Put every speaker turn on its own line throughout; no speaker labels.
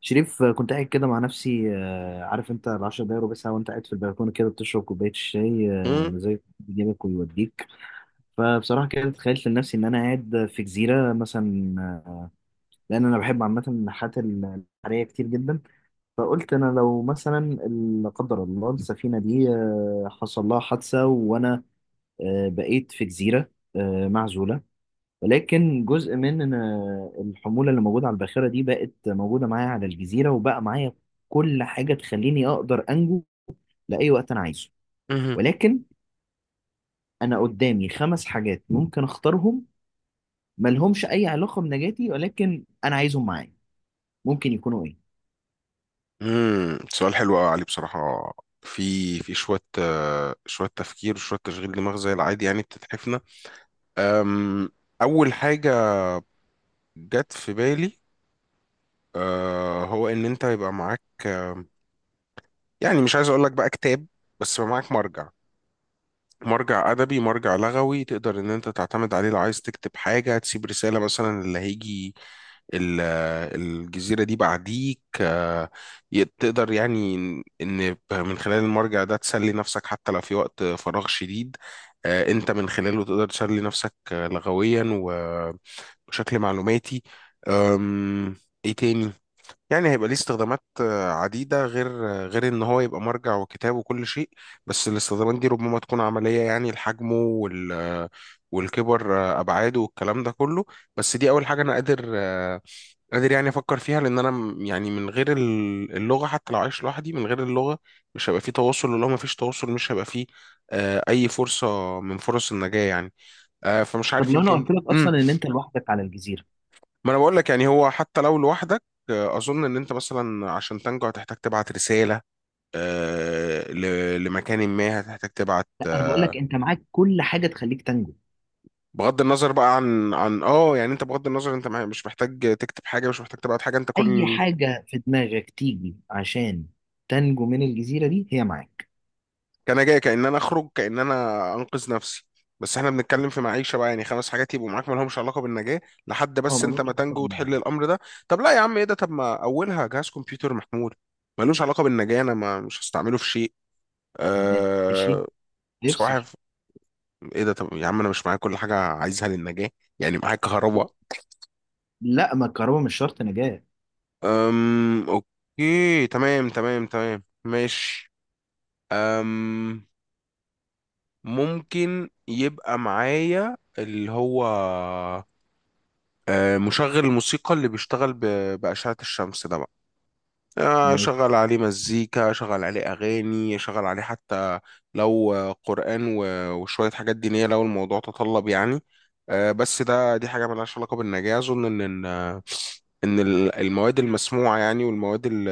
شريف كنت قاعد كده مع نفسي، عارف انت العشر دقايق ربع ساعة وانت قاعد في البلكونة كده بتشرب كوباية الشاي،
مم،
ومزاج يجيبك ويوديك. فبصراحة كده تخيلت لنفسي ان انا قاعد في جزيرة مثلا، لان انا بحب عامة النحات البحرية كتير جدا. فقلت انا لو مثلا لا قدر الله السفينة دي حصل لها حادثة وانا بقيت في جزيرة معزولة، ولكن جزء من الحمولة اللي موجودة على الباخرة دي بقت موجودة معايا على الجزيرة، وبقى معايا كل حاجة تخليني أقدر أنجو لأي وقت أنا عايزه.
مهم.
ولكن أنا قدامي خمس حاجات ممكن أختارهم، ملهمش أي علاقة بنجاتي ولكن أنا عايزهم معايا، ممكن يكونوا إيه؟
مم. سؤال حلو قوي علي، بصراحة. في شوية شوية تفكير وشوية تشغيل دماغ، زي العادي، يعني بتتحفنا. أم، أول حاجة جت في بالي، هو إن أنت يبقى معاك، يعني مش عايز أقول لك بقى كتاب، بس يبقى معاك مرجع. مرجع أدبي، مرجع لغوي، تقدر إن أنت تعتمد عليه لو عايز تكتب حاجة، تسيب رسالة مثلا اللي هيجي ال- الجزيرة دي بعديك، تقدر يعني إن من خلال المرجع ده تسلي نفسك حتى لو في وقت فراغ شديد. أنت من خلاله تقدر تسلي نفسك لغويا و- وشكل معلوماتي. أم، إيه تاني؟ يعني هيبقى ليه استخدامات عديدة، غير غير إن هو يبقى مرجع وكتاب وكل شيء. بس الاستخدامات دي ربما تكون عملية يعني لحجمه، والكبر، أبعاده والكلام ده كله. بس دي أول حاجة أنا قادر قادر يعني أفكر فيها، لأن أنا يعني من غير اللغة، حتى لو عايش لوحدي من غير اللغة مش هيبقى فيه تواصل، ولو ما فيش تواصل مش هيبقى فيه أي فرصة من فرص النجاة يعني. فمش
طب
عارف،
لو أنا
يمكن.
قلت لك أصلا إن أنت لوحدك على الجزيرة.
ما انا بقول لك يعني هو حتى لو لوحدك، اظن ان انت مثلا عشان تنجو هتحتاج تبعت رساله لمكان ما، هتحتاج تبعت
لا، أنا بقول لك أنت معاك كل حاجة تخليك تنجو،
بغض النظر بقى عن يعني. انت بغض النظر، انت مش محتاج تكتب حاجه، مش محتاج تبعت حاجه، انت
أي
كل
حاجة في دماغك تيجي عشان تنجو من الجزيرة دي هي معاك.
كان جاي، كان انا اخرج، كان انا انقذ نفسي. بس احنا بنتكلم في معيشه بقى، يعني 5 حاجات يبقوا معاك ما لهمش علاقه بالنجاه، لحد
اه،
بس انت
ملوش
ما
علاقة
تنجو وتحل الامر ده. طب لا يا عم، ايه ده؟ طب ما اولها جهاز كمبيوتر محمول، ملوش علاقه بالنجاه، انا ما مش هستعمله في شيء.
بالنجاة، ماشي،
آه، بصراحة
يفصل.
ايه ده؟ طب يا عم، انا مش معايا كل حاجة عايزها للنجاة، يعني معايا كهرباء.
لا، ما الكهرباء مش شرط نجاة.
اوكي، تمام تمام تمام، ماشي. أم... ممكن يبقى معايا اللي هو، مشغل الموسيقى اللي بيشتغل بأشعة الشمس ده بقى.
مش
شغل عليه مزيكا، شغل عليه أغاني، شغل عليه حتى لو قرآن و- وشوية حاجات دينية، لو الموضوع تطلب يعني. بس دي حاجة ملهاش علاقة بالنجاة. أظن إن إن المواد المسموعة يعني، والمواد ال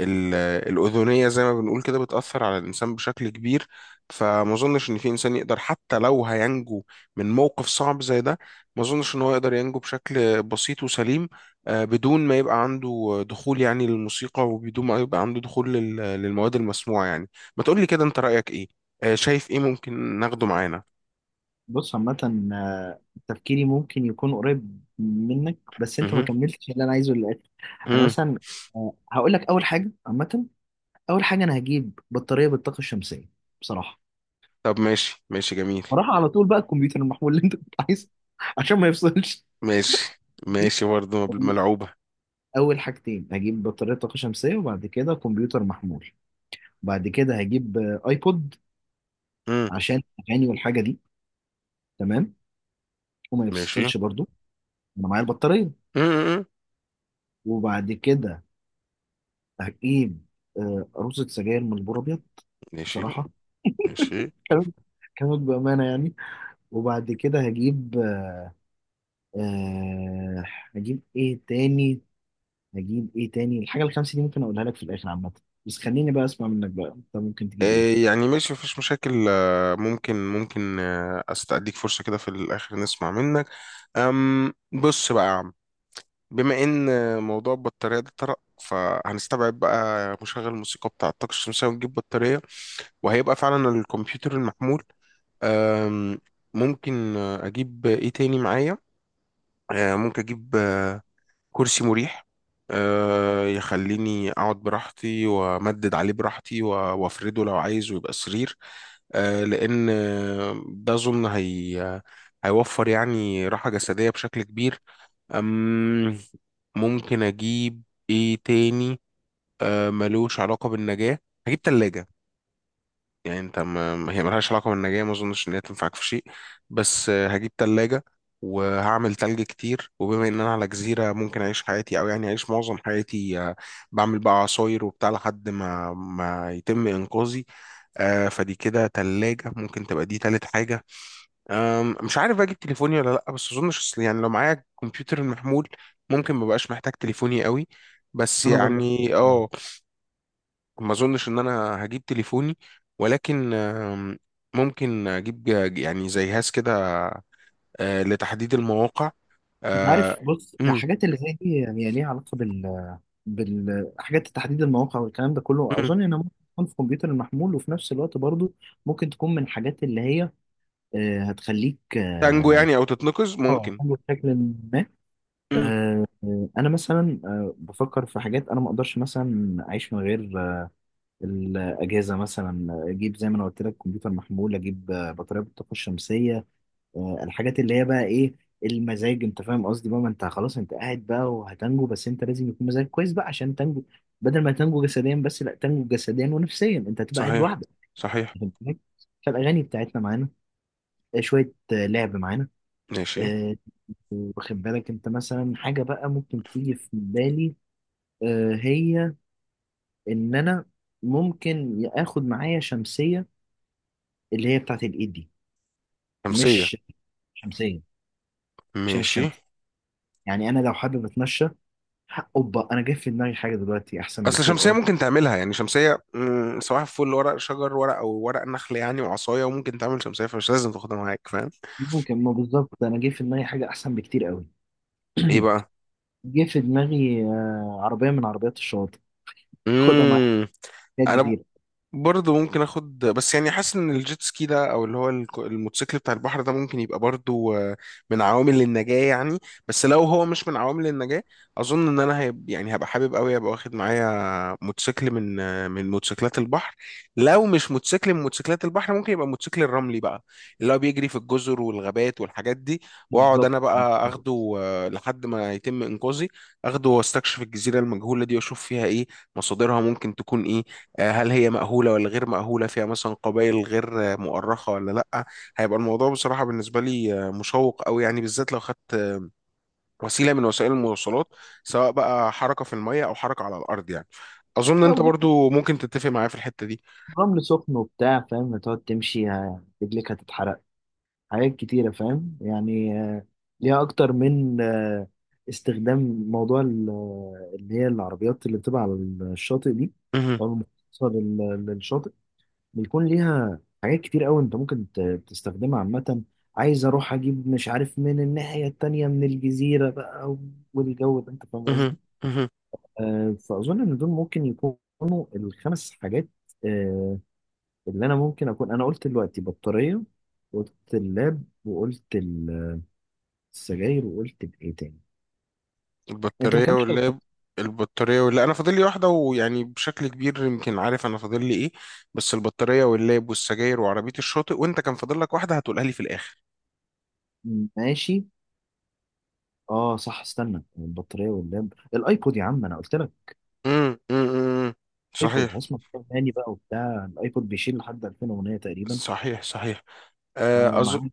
ال الأذنية، زي ما بنقول كده، بتأثر على الإنسان بشكل كبير. فما أظنش إن في إنسان يقدر، حتى لو هينجو من موقف صعب زي ده، ما أظنش إن هو يقدر ينجو بشكل بسيط وسليم بدون ما يبقى عنده دخول يعني للموسيقى، وبدون ما يبقى عنده دخول للمواد المسموعة يعني. ما تقولي كده، انت رأيك ايه؟ شايف ايه ممكن ناخده معانا؟
بص عامة، تفكيري ممكن يكون قريب منك بس انت ما
مهم.
كملتش اللي انا عايزه للاخر. انا
مم.
مثلا هقول لك اول حاجة عامة. اول حاجة انا هجيب بطارية بالطاقة الشمسية، بصراحة.
طب ماشي ماشي جميل.
بصراحة على طول بقى الكمبيوتر المحمول اللي انت كنت عايزه عشان ما يفصلش.
ماشي ماشي برضه،
دي
ملعوبة.
اول حاجتين، هجيب بطارية طاقة شمسية وبعد كده كمبيوتر محمول. بعد كده هجيب ايبود
مم.
عشان اغاني والحاجة دي، تمام، وما
ماشي.
يفصلش برضو، انا معايا البطارية.
مم.
وبعد كده هجيب آه، عروسة سجاير من البور أبيض
ماشي
بصراحة
ماشي.
كانت كانت بأمانة يعني وبعد كده هجيب آه هجيب إيه تاني، هجيب إيه تاني. الحاجة الخمسة دي ممكن أقولها لك في الآخر عامة، بس خليني بقى أسمع منك بقى، أنت ممكن تجيب إيه؟
يعني ماشي، مفيش مشاكل. ممكن استأديك فرصة كده في الآخر نسمع منك. أم بص بقى يا عم، بما ان موضوع البطارية ده طرق، فهنستبعد بقى مشغل الموسيقى بتاع الطاقة الشمسية ونجيب بطارية، وهيبقى فعلا الكمبيوتر المحمول. أم، ممكن اجيب ايه تاني معايا؟ ممكن اجيب كرسي مريح، يخليني اقعد براحتي، وامدد عليه براحتي، و- وافرده لو عايز ويبقى سرير، لان ده اظن هي هيوفر يعني راحة جسدية بشكل كبير. أم ممكن اجيب ايه تاني؟ ملوش علاقة بالنجاة، هجيب تلاجة. يعني انت هي ملهاش علاقة بالنجاة، ما اظنش ان هي تنفعك في شيء، بس هجيب تلاجة وهعمل تلج كتير. وبما ان انا على جزيرة، ممكن اعيش حياتي، او يعني اعيش معظم حياتي، بعمل بقى عصاير وبتاع، لحد ما يتم انقاذي. فدي كده تلاجة، ممكن تبقى دي تالت حاجة. مش عارف بقى اجيب تليفوني ولا لا، بس اظن شخص يعني لو معايا كمبيوتر المحمول ممكن مبقاش محتاج تليفوني قوي. بس
أنا برضه هحتاج-
يعني، ما اظنش ان انا هجيب تليفوني، ولكن ممكن اجيب يعني زي جهاز كده، لتحديد المواقع.
أنت
آه،
عارف، بص
أم،
الحاجات اللي زي دي هي ليها علاقة بالحاجات، تحديد المواقع والكلام ده كله
أم.
أظن إنها ممكن تكون في الكمبيوتر المحمول، وفي نفس الوقت برضه ممكن تكون من الحاجات اللي هي هتخليك
تانجو
اه،
يعني، او تتنقز
آه،
ممكن.
بشكل ما
أم،
انا مثلا بفكر في حاجات انا ما اقدرش مثلا اعيش من غير الاجهزه. مثلا اجيب زي ما انا قلت لك كمبيوتر محمول، اجيب بطاريه بالطاقه الشمسيه. الحاجات اللي هي بقى ايه؟ المزاج، انت فاهم قصدي بقى؟ ما انت خلاص انت قاعد بقى وهتنجو، بس انت لازم يكون مزاجك كويس بقى عشان تنجو. بدل ما تنجو جسديا بس، لا، تنجو جسديا ونفسيا، انت هتبقى قاعد
صحيح،
لوحدك،
صحيح.
فاهم؟ فالاغاني بتاعتنا معانا، شويه لعب معانا.
ماشي.
آه، واخد بالك انت، مثلا حاجة بقى ممكن تيجي في بالي هي ان انا ممكن اخد معايا شمسية، اللي هي بتاعت الايد دي،
خمسية.
مش شمسية عشان
ماشي.
الشمس، يعني انا لو حابب اتمشى. اوبا، انا جاي في دماغي حاجة دلوقتي احسن
اصل
بكتير
شمسيه
قوي.
ممكن تعملها، يعني شمسيه، سواء فل ورق شجر، ورق او ورق نخل يعني، وعصايه، وممكن تعمل شمسيه، فمش لازم تاخدها معاك، فاهم؟
ممكن ما بالظبط، انا جاي في دماغي حاجة احسن بكتير قوي.
ايه بقى؟
جه في دماغي عربية من عربيات الشواطئ، خدها معايا،
امم
حاجات
انا
كتير.
برضه ممكن اخد، بس يعني حاسس ان الجيت سكي ده، او اللي هو الموتوسيكل بتاع البحر ده، ممكن يبقى برضه من عوامل النجاة يعني. بس لو هو مش من عوامل النجاة، اظن ان انا يعني هبقى حابب قوي ابقى واخد معايا موتوسيكل من، من موتوسيكلات البحر. لو مش موتوسيكل من موتوسيكلات البحر، ممكن يبقى موتوسيكل الرملي بقى، اللي هو بيجري في الجزر والغابات والحاجات دي. واقعد
بالظبط.
انا بقى اخده، لحد ما يتم انقاذي. اخده واستكشف الجزيرة المجهولة دي، واشوف فيها ايه، مصادرها ممكن تكون ايه. هل هي مأهولة ولا غير مأهولة؟ فيها مثلا قبائل غير مؤرخة ولا لأ؟ هيبقى الموضوع بصراحة بالنسبة لي مشوق أوي يعني، بالذات لو خدت وسيلة من وسائل المواصلات، سواء بقى حركة في المية أو حركة على الأرض يعني. أظن أنت
أو جبت
برضو ممكن تتفق معايا في الحتة دي.
رمل سخن وبتاع، فاهم؟ هتقعد تمشي رجلك هتتحرق، حاجات كتيرة فاهم، يعني ليها أكتر من استخدام. موضوع اللي هي العربيات اللي بتبقى على الشاطئ دي،
مهم.
أو المخصصة للشاطئ، بيكون ليها حاجات كتير أوي، أنت ممكن تستخدمها عامة. عايز أروح أجيب، مش عارف، من الناحية التانية من الجزيرة بقى والجو ده، أنت فاهم
مهم.
قصدي؟
مهم.
فأظن إن دول ممكن يكونوا الخمس حاجات آه، اللي أنا ممكن أكون. أنا قلت دلوقتي بطارية، قلت اللاب، وقلت السجاير، وقلت بايه تاني؟ انت ما
البطارية
كملتش
واللاب.
الخط.
أنا فاضل لي واحدة، ويعني بشكل كبير يمكن عارف أنا فاضل لي إيه. بس البطارية واللاب والسجاير وعربية الشاطئ، وأنت كان فاضل لك واحدة هتقولها لي في الآخر.
ماشي، اه صح، استنى، البطاريه واللاب، الايبود، يا عم انا قلت لك
امم امم
الايبود.
صحيح
هسمع كتاب تاني بقى وبتاع، الايبود بيشيل لحد 2000 اغنيه تقريبا.
صحيح صحيح.
آه،
آه، أظ...
معاك.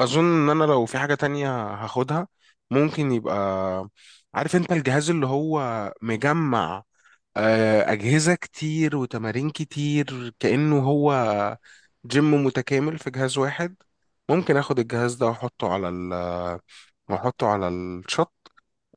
أظن إن أنا لو في حاجة تانية هاخدها، ممكن يبقى، عارف أنت الجهاز اللي هو مجمع أجهزة كتير وتمارين كتير، كأنه هو جيم متكامل في جهاز واحد. ممكن آخد الجهاز ده وأحطه على الشط،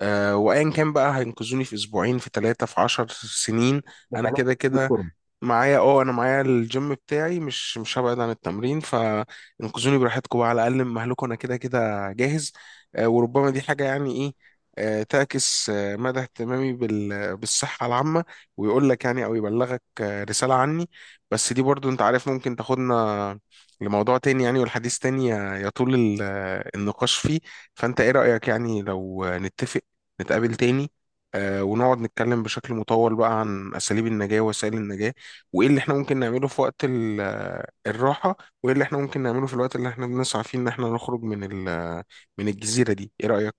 وأيا كان بقى، هينقذوني في 2 أسبوع، في 3، في 10 سنين، أنا كده كده
بالفورم.
معايا. اه انا معايا الجيم بتاعي، مش هبعد عن التمرين، فانقذوني براحتكم بقى، على الاقل من مهلكم، انا كده كده جاهز. وربما دي حاجه يعني ايه، تعكس مدى اهتمامي بالصحه العامه، ويقول لك يعني، او يبلغك رساله عني. بس دي برضو انت عارف ممكن تاخدنا لموضوع تاني يعني، والحديث تاني يطول النقاش فيه. فانت ايه رايك، يعني لو نتفق نتقابل تاني ونقعد نتكلم بشكل مطول بقى، عن اساليب النجاه ووسائل النجاه، وايه اللي احنا ممكن نعمله في وقت الراحة، وايه اللي احنا ممكن نعمله في الوقت اللي احنا بنسعى فيه ان احنا نخرج من من الجزيرة دي؟ ايه رأيك؟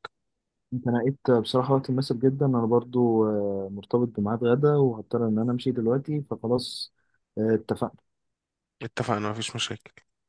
انت نقيت بصراحه وقت مناسب جدا، انا برضو مرتبط بميعاد غدا وهضطر ان انا امشي دلوقتي، فخلاص، اتفقنا.
اتفقنا، مفيش مشاكل.